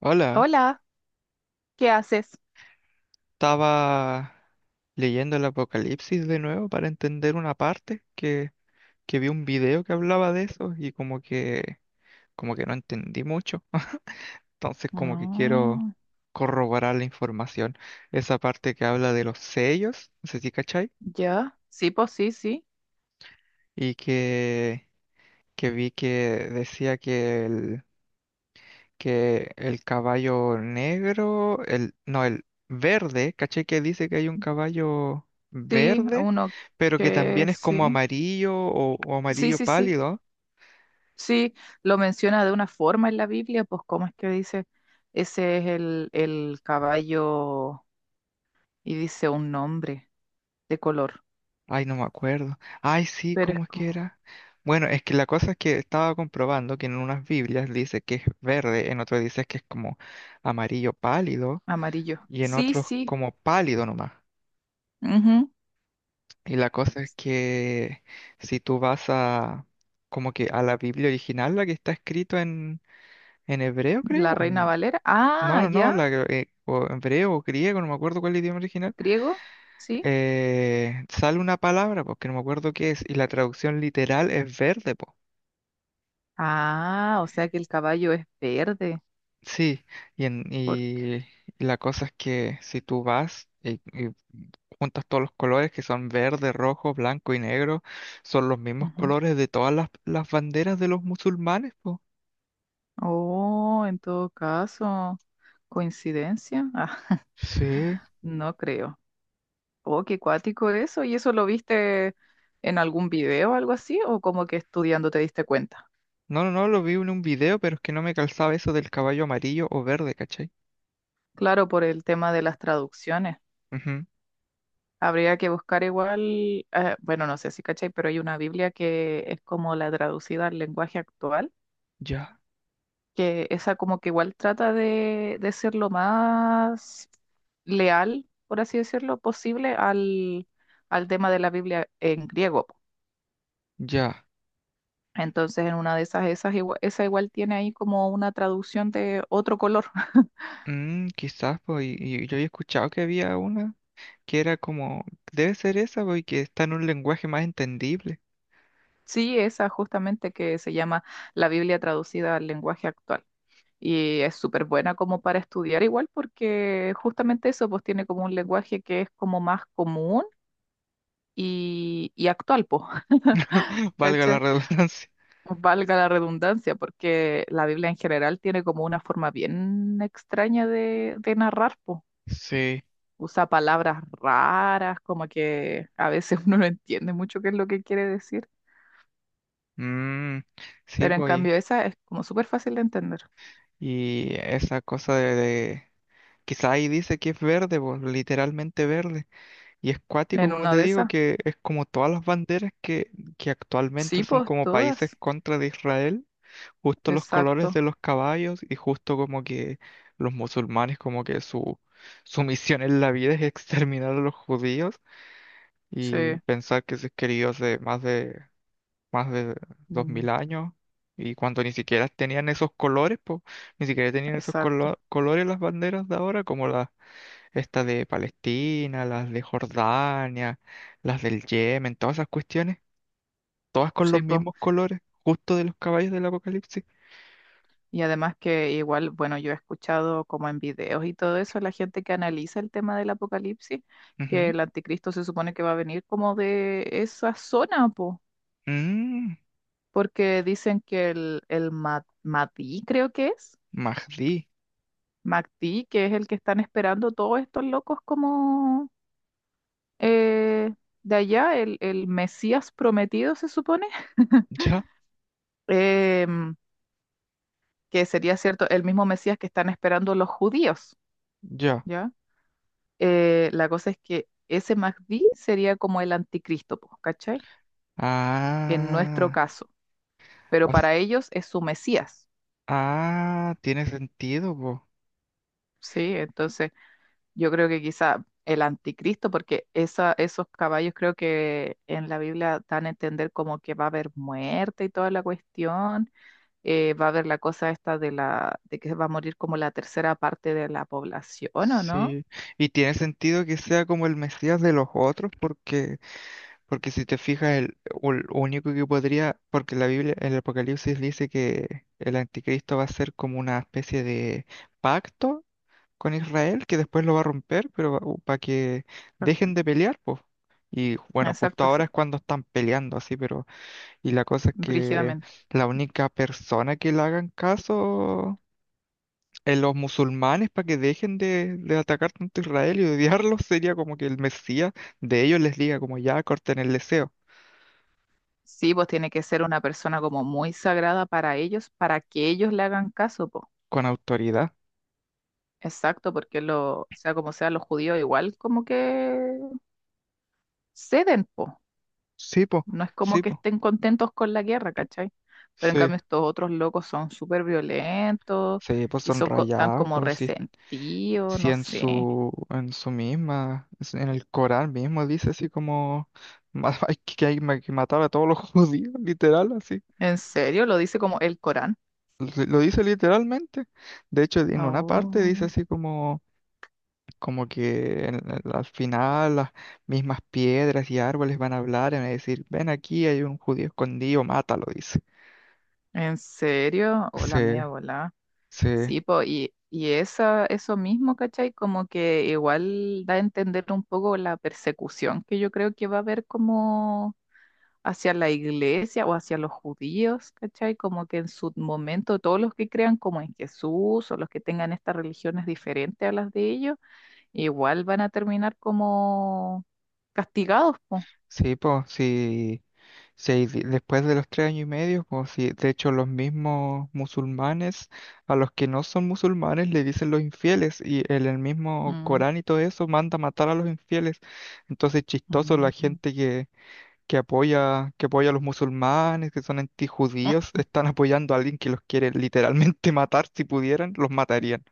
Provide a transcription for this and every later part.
Hola, Hola, ¿qué haces? estaba leyendo el Apocalipsis de nuevo para entender una parte que vi un video que hablaba de eso y como que no entendí mucho. Entonces como que quiero Ah, corroborar la información. Esa parte que habla de los sellos, no sé si cachai, ya, sí, pues sí, sí, y que, que vi que decía que el caballo negro, el, no, el verde, caché que dice que hay un caballo sí, a verde, uno pero que que también es como sí, amarillo o sí, amarillo sí, sí, pálido. sí, lo menciona de una forma en la Biblia, pues cómo es que dice, ese es el caballo y dice un nombre de color, Ay, no me acuerdo. Ay, sí, pero es ¿cómo es que como era? Bueno, es que la cosa es que estaba comprobando que en unas Biblias dice que es verde, en otras dice que es como amarillo pálido amarillo. y en Sí, otros sí, como pálido nomás. ujú. Y la cosa es que si tú vas a como que a la Biblia original, la que está escrito en hebreo, creo, La Reina Valera, no, ah, no, ya, no, o hebreo o griego, no me acuerdo cuál es el idioma original, griego, sí, sale una palabra, porque no me acuerdo qué es, y la traducción literal es verde, po. ah, o sea que el caballo es verde, Sí, y, en, porque... y la cosa es que si tú vas y juntas todos los colores que son verde, rojo, blanco y negro, son los mismos colores de todas las banderas de los musulmanes, po. Oh, en todo caso, coincidencia. Ah, Sí. no creo. Oh, qué cuático eso. ¿Y eso lo viste en algún video o algo así? ¿O como que estudiando te diste cuenta? No, no, no, lo vi en un video, pero es que no me calzaba eso del caballo amarillo o verde, ¿cachai? Claro, por el tema de las traducciones. Ujú. Habría que buscar igual, bueno, no sé si cachai, pero hay una Biblia que es como la traducida al lenguaje actual, Ya, que esa como que igual trata de ser lo más leal, por así decirlo, posible al, al tema de la Biblia en griego, po. ya. Entonces, en una de esas, esa igual tiene ahí como una traducción de otro color. Mm, quizás, pues, y yo había escuchado que había una que era como, debe ser esa, pues, y que está en un lenguaje más entendible, Sí, esa justamente que se llama la Biblia traducida al lenguaje actual. Y es súper buena como para estudiar igual, porque justamente eso pues tiene como un lenguaje que es como más común y actual, pues. valga la ¿Cachai? redundancia. Valga la redundancia, porque la Biblia en general tiene como una forma bien extraña de narrar, po. Sí, Usa palabras raras, como que a veces uno no entiende mucho qué es lo que quiere decir, mm, sí, pero en pues, cambio esa es como súper fácil de entender. y esa cosa quizás ahí dice que es verde, pues, literalmente verde. Y es cuático, En como una te de digo, esas, que es como todas las banderas que actualmente sí, son pues como países todas, contra de Israel, justo los colores exacto, de los caballos y justo como que los musulmanes como que su misión en la vida es exterminar a los judíos sí, y pensar que se escribió hace más de dos mm, mil años y cuando ni siquiera tenían esos colores, pues ni siquiera tenían esos exacto, colores las banderas de ahora como las estas de Palestina, las de Jordania, las del Yemen, todas esas cuestiones, todas con los sí, pues. mismos colores, justo de los caballos del Apocalipsis. Y además que igual, bueno, yo he escuchado como en videos y todo eso, la gente que analiza el tema del apocalipsis, que Ujú. el anticristo se supone que va a venir como de esa zona, po, Mm, porque dicen que el Mahdi, creo que es, Mahdi. Mahdi, que es el que están esperando todos estos locos, como eh, de allá, el Mesías prometido, se supone. Ya, em, que sería cierto, el mismo Mesías que están esperando los judíos, ya. ¿ya? La cosa es que ese Mahdi sería como el anticristo, po, ¿cachai? En nuestro Ah, caso, o pero s- para ellos es su Mesías, ah, tiene sentido, po. ¿sí? Entonces, yo creo que quizá el anticristo, porque esa, esos caballos creo que en la Biblia dan a entender como que va a haber muerte y toda la cuestión, va a haber la cosa esta de la, de que va a morir como la tercera parte de la población, ¿o no? Sí. Y tiene sentido que sea como el Mesías de los otros, porque porque si te fijas, el, o el único que podría, porque la Biblia, el Apocalipsis dice que el anticristo va a ser como una especie de pacto con Israel, que después lo va a romper, pero para que Exacto, dejen de pelear, pues. Y bueno, justo exacto, ahora es sí, cuando están peleando así, pero y la cosa es que brígidamente. la única persona que le hagan caso en los musulmanes para que dejen de atacar tanto a Israel y odiarlos sería como que el Mesías de ellos les diga como ya corten el deseo. Sí, pues tiene que ser una persona como muy sagrada para ellos, para que ellos le hagan caso, pues. Con autoridad. Exacto, porque lo, sea como sea, los judíos igual como que ceden, pues. Sí, po, No es como sí, que po, estén contentos con la guerra, ¿cachai? Pero en sí. cambio estos otros locos son súper violentos Sí, pues y son son tan rayados, como pues sí, resentidos, no sé. En su misma, en el Corán mismo dice así como hay que hay que matar a todos los judíos, literal, así. ¿En serio? Lo dice como el Corán. Lo dice literalmente. De hecho, en una parte dice Oh, así como, como que al final las mismas piedras y árboles van a hablar y van a decir, ven aquí, hay un judío escondido, mátalo, dice. ¿en serio? Sí, Hola, media volá. sí. Sí, po, y esa, eso mismo, ¿cachai? Como que igual da a entender un poco la persecución que yo creo que va a haber como hacia la iglesia o hacia los judíos, ¿cachai? Como que en su momento todos los que crean como en Jesús o los que tengan estas religiones diferentes a las de ellos, igual van a terminar como castigados, po. Sí, pues, sí, sí, después de los 3 años y medio, pues, sí, de hecho, los mismos musulmanes, a los que no son musulmanes, le dicen los infieles, y en el mismo Mm, Corán y todo eso manda matar a los infieles. Entonces, chistoso, mm, mm. Que apoya a los musulmanes, que son Mm. antijudíos, están apoyando a alguien que los quiere literalmente matar, si pudieran, los matarían.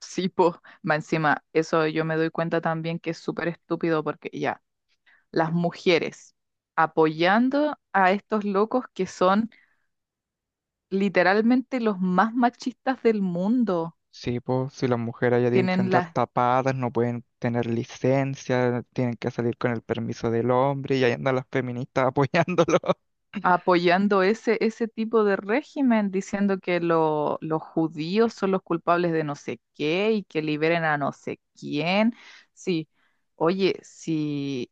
Sí, po. Más encima, eso yo me doy cuenta también que es súper estúpido porque ya, las mujeres apoyando a estos locos que son literalmente los más machistas del mundo. Sí, pues, si las mujeres ya tienen que Tienen andar las tapadas, no pueden tener licencia, tienen que salir con el permiso del hombre y ahí andan las feministas apoyándolo. apoyando ese, ese tipo de régimen, diciendo que los judíos son los culpables de no sé qué y que liberen a no sé quién. Sí, oye, si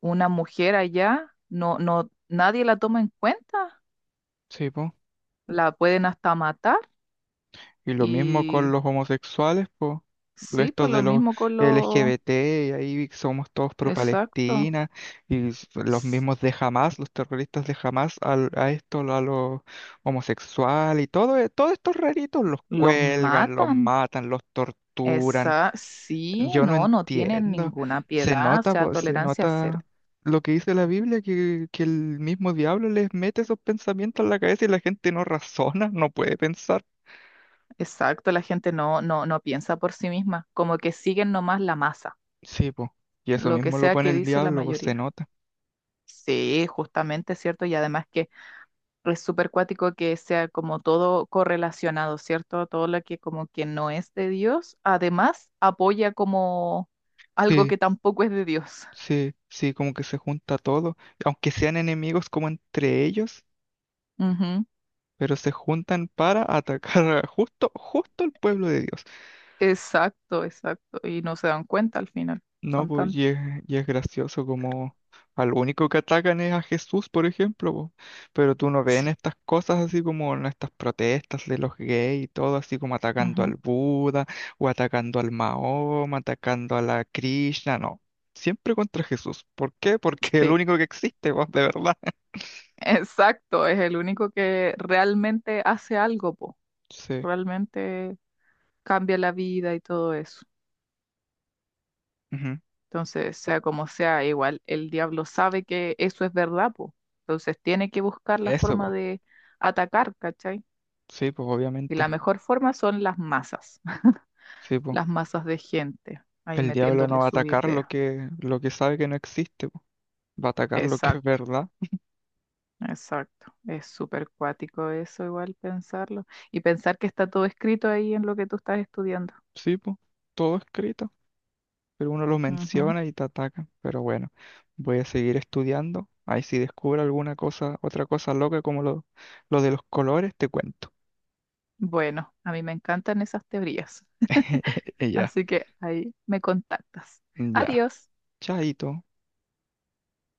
una mujer allá no, no, nadie la toma en cuenta, Sí, pues. la pueden hasta matar. Y lo mismo con Y los homosexuales, pues. sí, Estos pues de lo los mismo con los... LGBT, y ahí somos todos pro Exacto. Palestina, los s- mismos de Hamas, los terroristas de Hamas, esto, a los homosexuales, y todo, todos estos raritos los Los cuelgan, los matan. matan, los torturan. Esa, sí, Yo no no, no tienen entiendo. ninguna Se piedad, o nota, sea, pues, se tolerancia cero. nota lo que dice la Biblia, que el mismo diablo les mete esos pensamientos en la cabeza y la gente no razona, no puede pensar. Exacto, la gente no, no, no piensa por sí misma, como que siguen nomás la masa, Sí, pues. Y eso lo que mismo lo sea pone que el dice la diablo, pues se mayoría. nota. Sí, justamente, ¿cierto? Y además que es súper cuático que sea como todo correlacionado, ¿cierto? Todo lo que como que no es de Dios, además apoya como algo Sí, que tampoco es de Dios. sí, sí, como que se junta todo. Aunque sean enemigos como entre ellos, pero se juntan para atacar justo, justo al pueblo de Dios. Exacto, exacto. Y no se dan cuenta al final. No, Son pues tan... y es gracioso como al único que atacan es a Jesús, por ejemplo, po. Pero tú no ves en Sí. estas cosas así como en estas protestas de los gays y todo, así como atacando Ujú. al Buda o atacando al Mahoma, atacando a la Krishna, no. Siempre contra Jesús. ¿Por qué? Porque es el Sí, único que existe, pues, de verdad. exacto. Es el único que realmente hace algo, po. Sí. Realmente cambia la vida y todo eso. Ujú. Entonces, sea como sea, igual el diablo sabe que eso es verdad, po. Entonces tiene que buscar la Eso, forma po. de atacar, ¿cachai? Sí, pues Y la obviamente. mejor forma son las masas, Sí, pues. las masas de gente, ahí El diablo no metiéndole va a sus atacar ideas. Lo que sabe que no existe, po. Va a atacar lo que es Exacto. verdad. Exacto, es súper cuático eso igual pensarlo y pensar que está todo escrito ahí en lo que tú estás estudiando. Sí, pues. Todo escrito. Pero uno lo Ujú. menciona y te ataca. Pero bueno, voy a seguir estudiando. Ahí si descubro alguna cosa, otra cosa loca como lo de los colores, te cuento. Bueno, a mí me encantan esas teorías, Y ya, así que ahí me contactas. ya. Adiós. Chaito.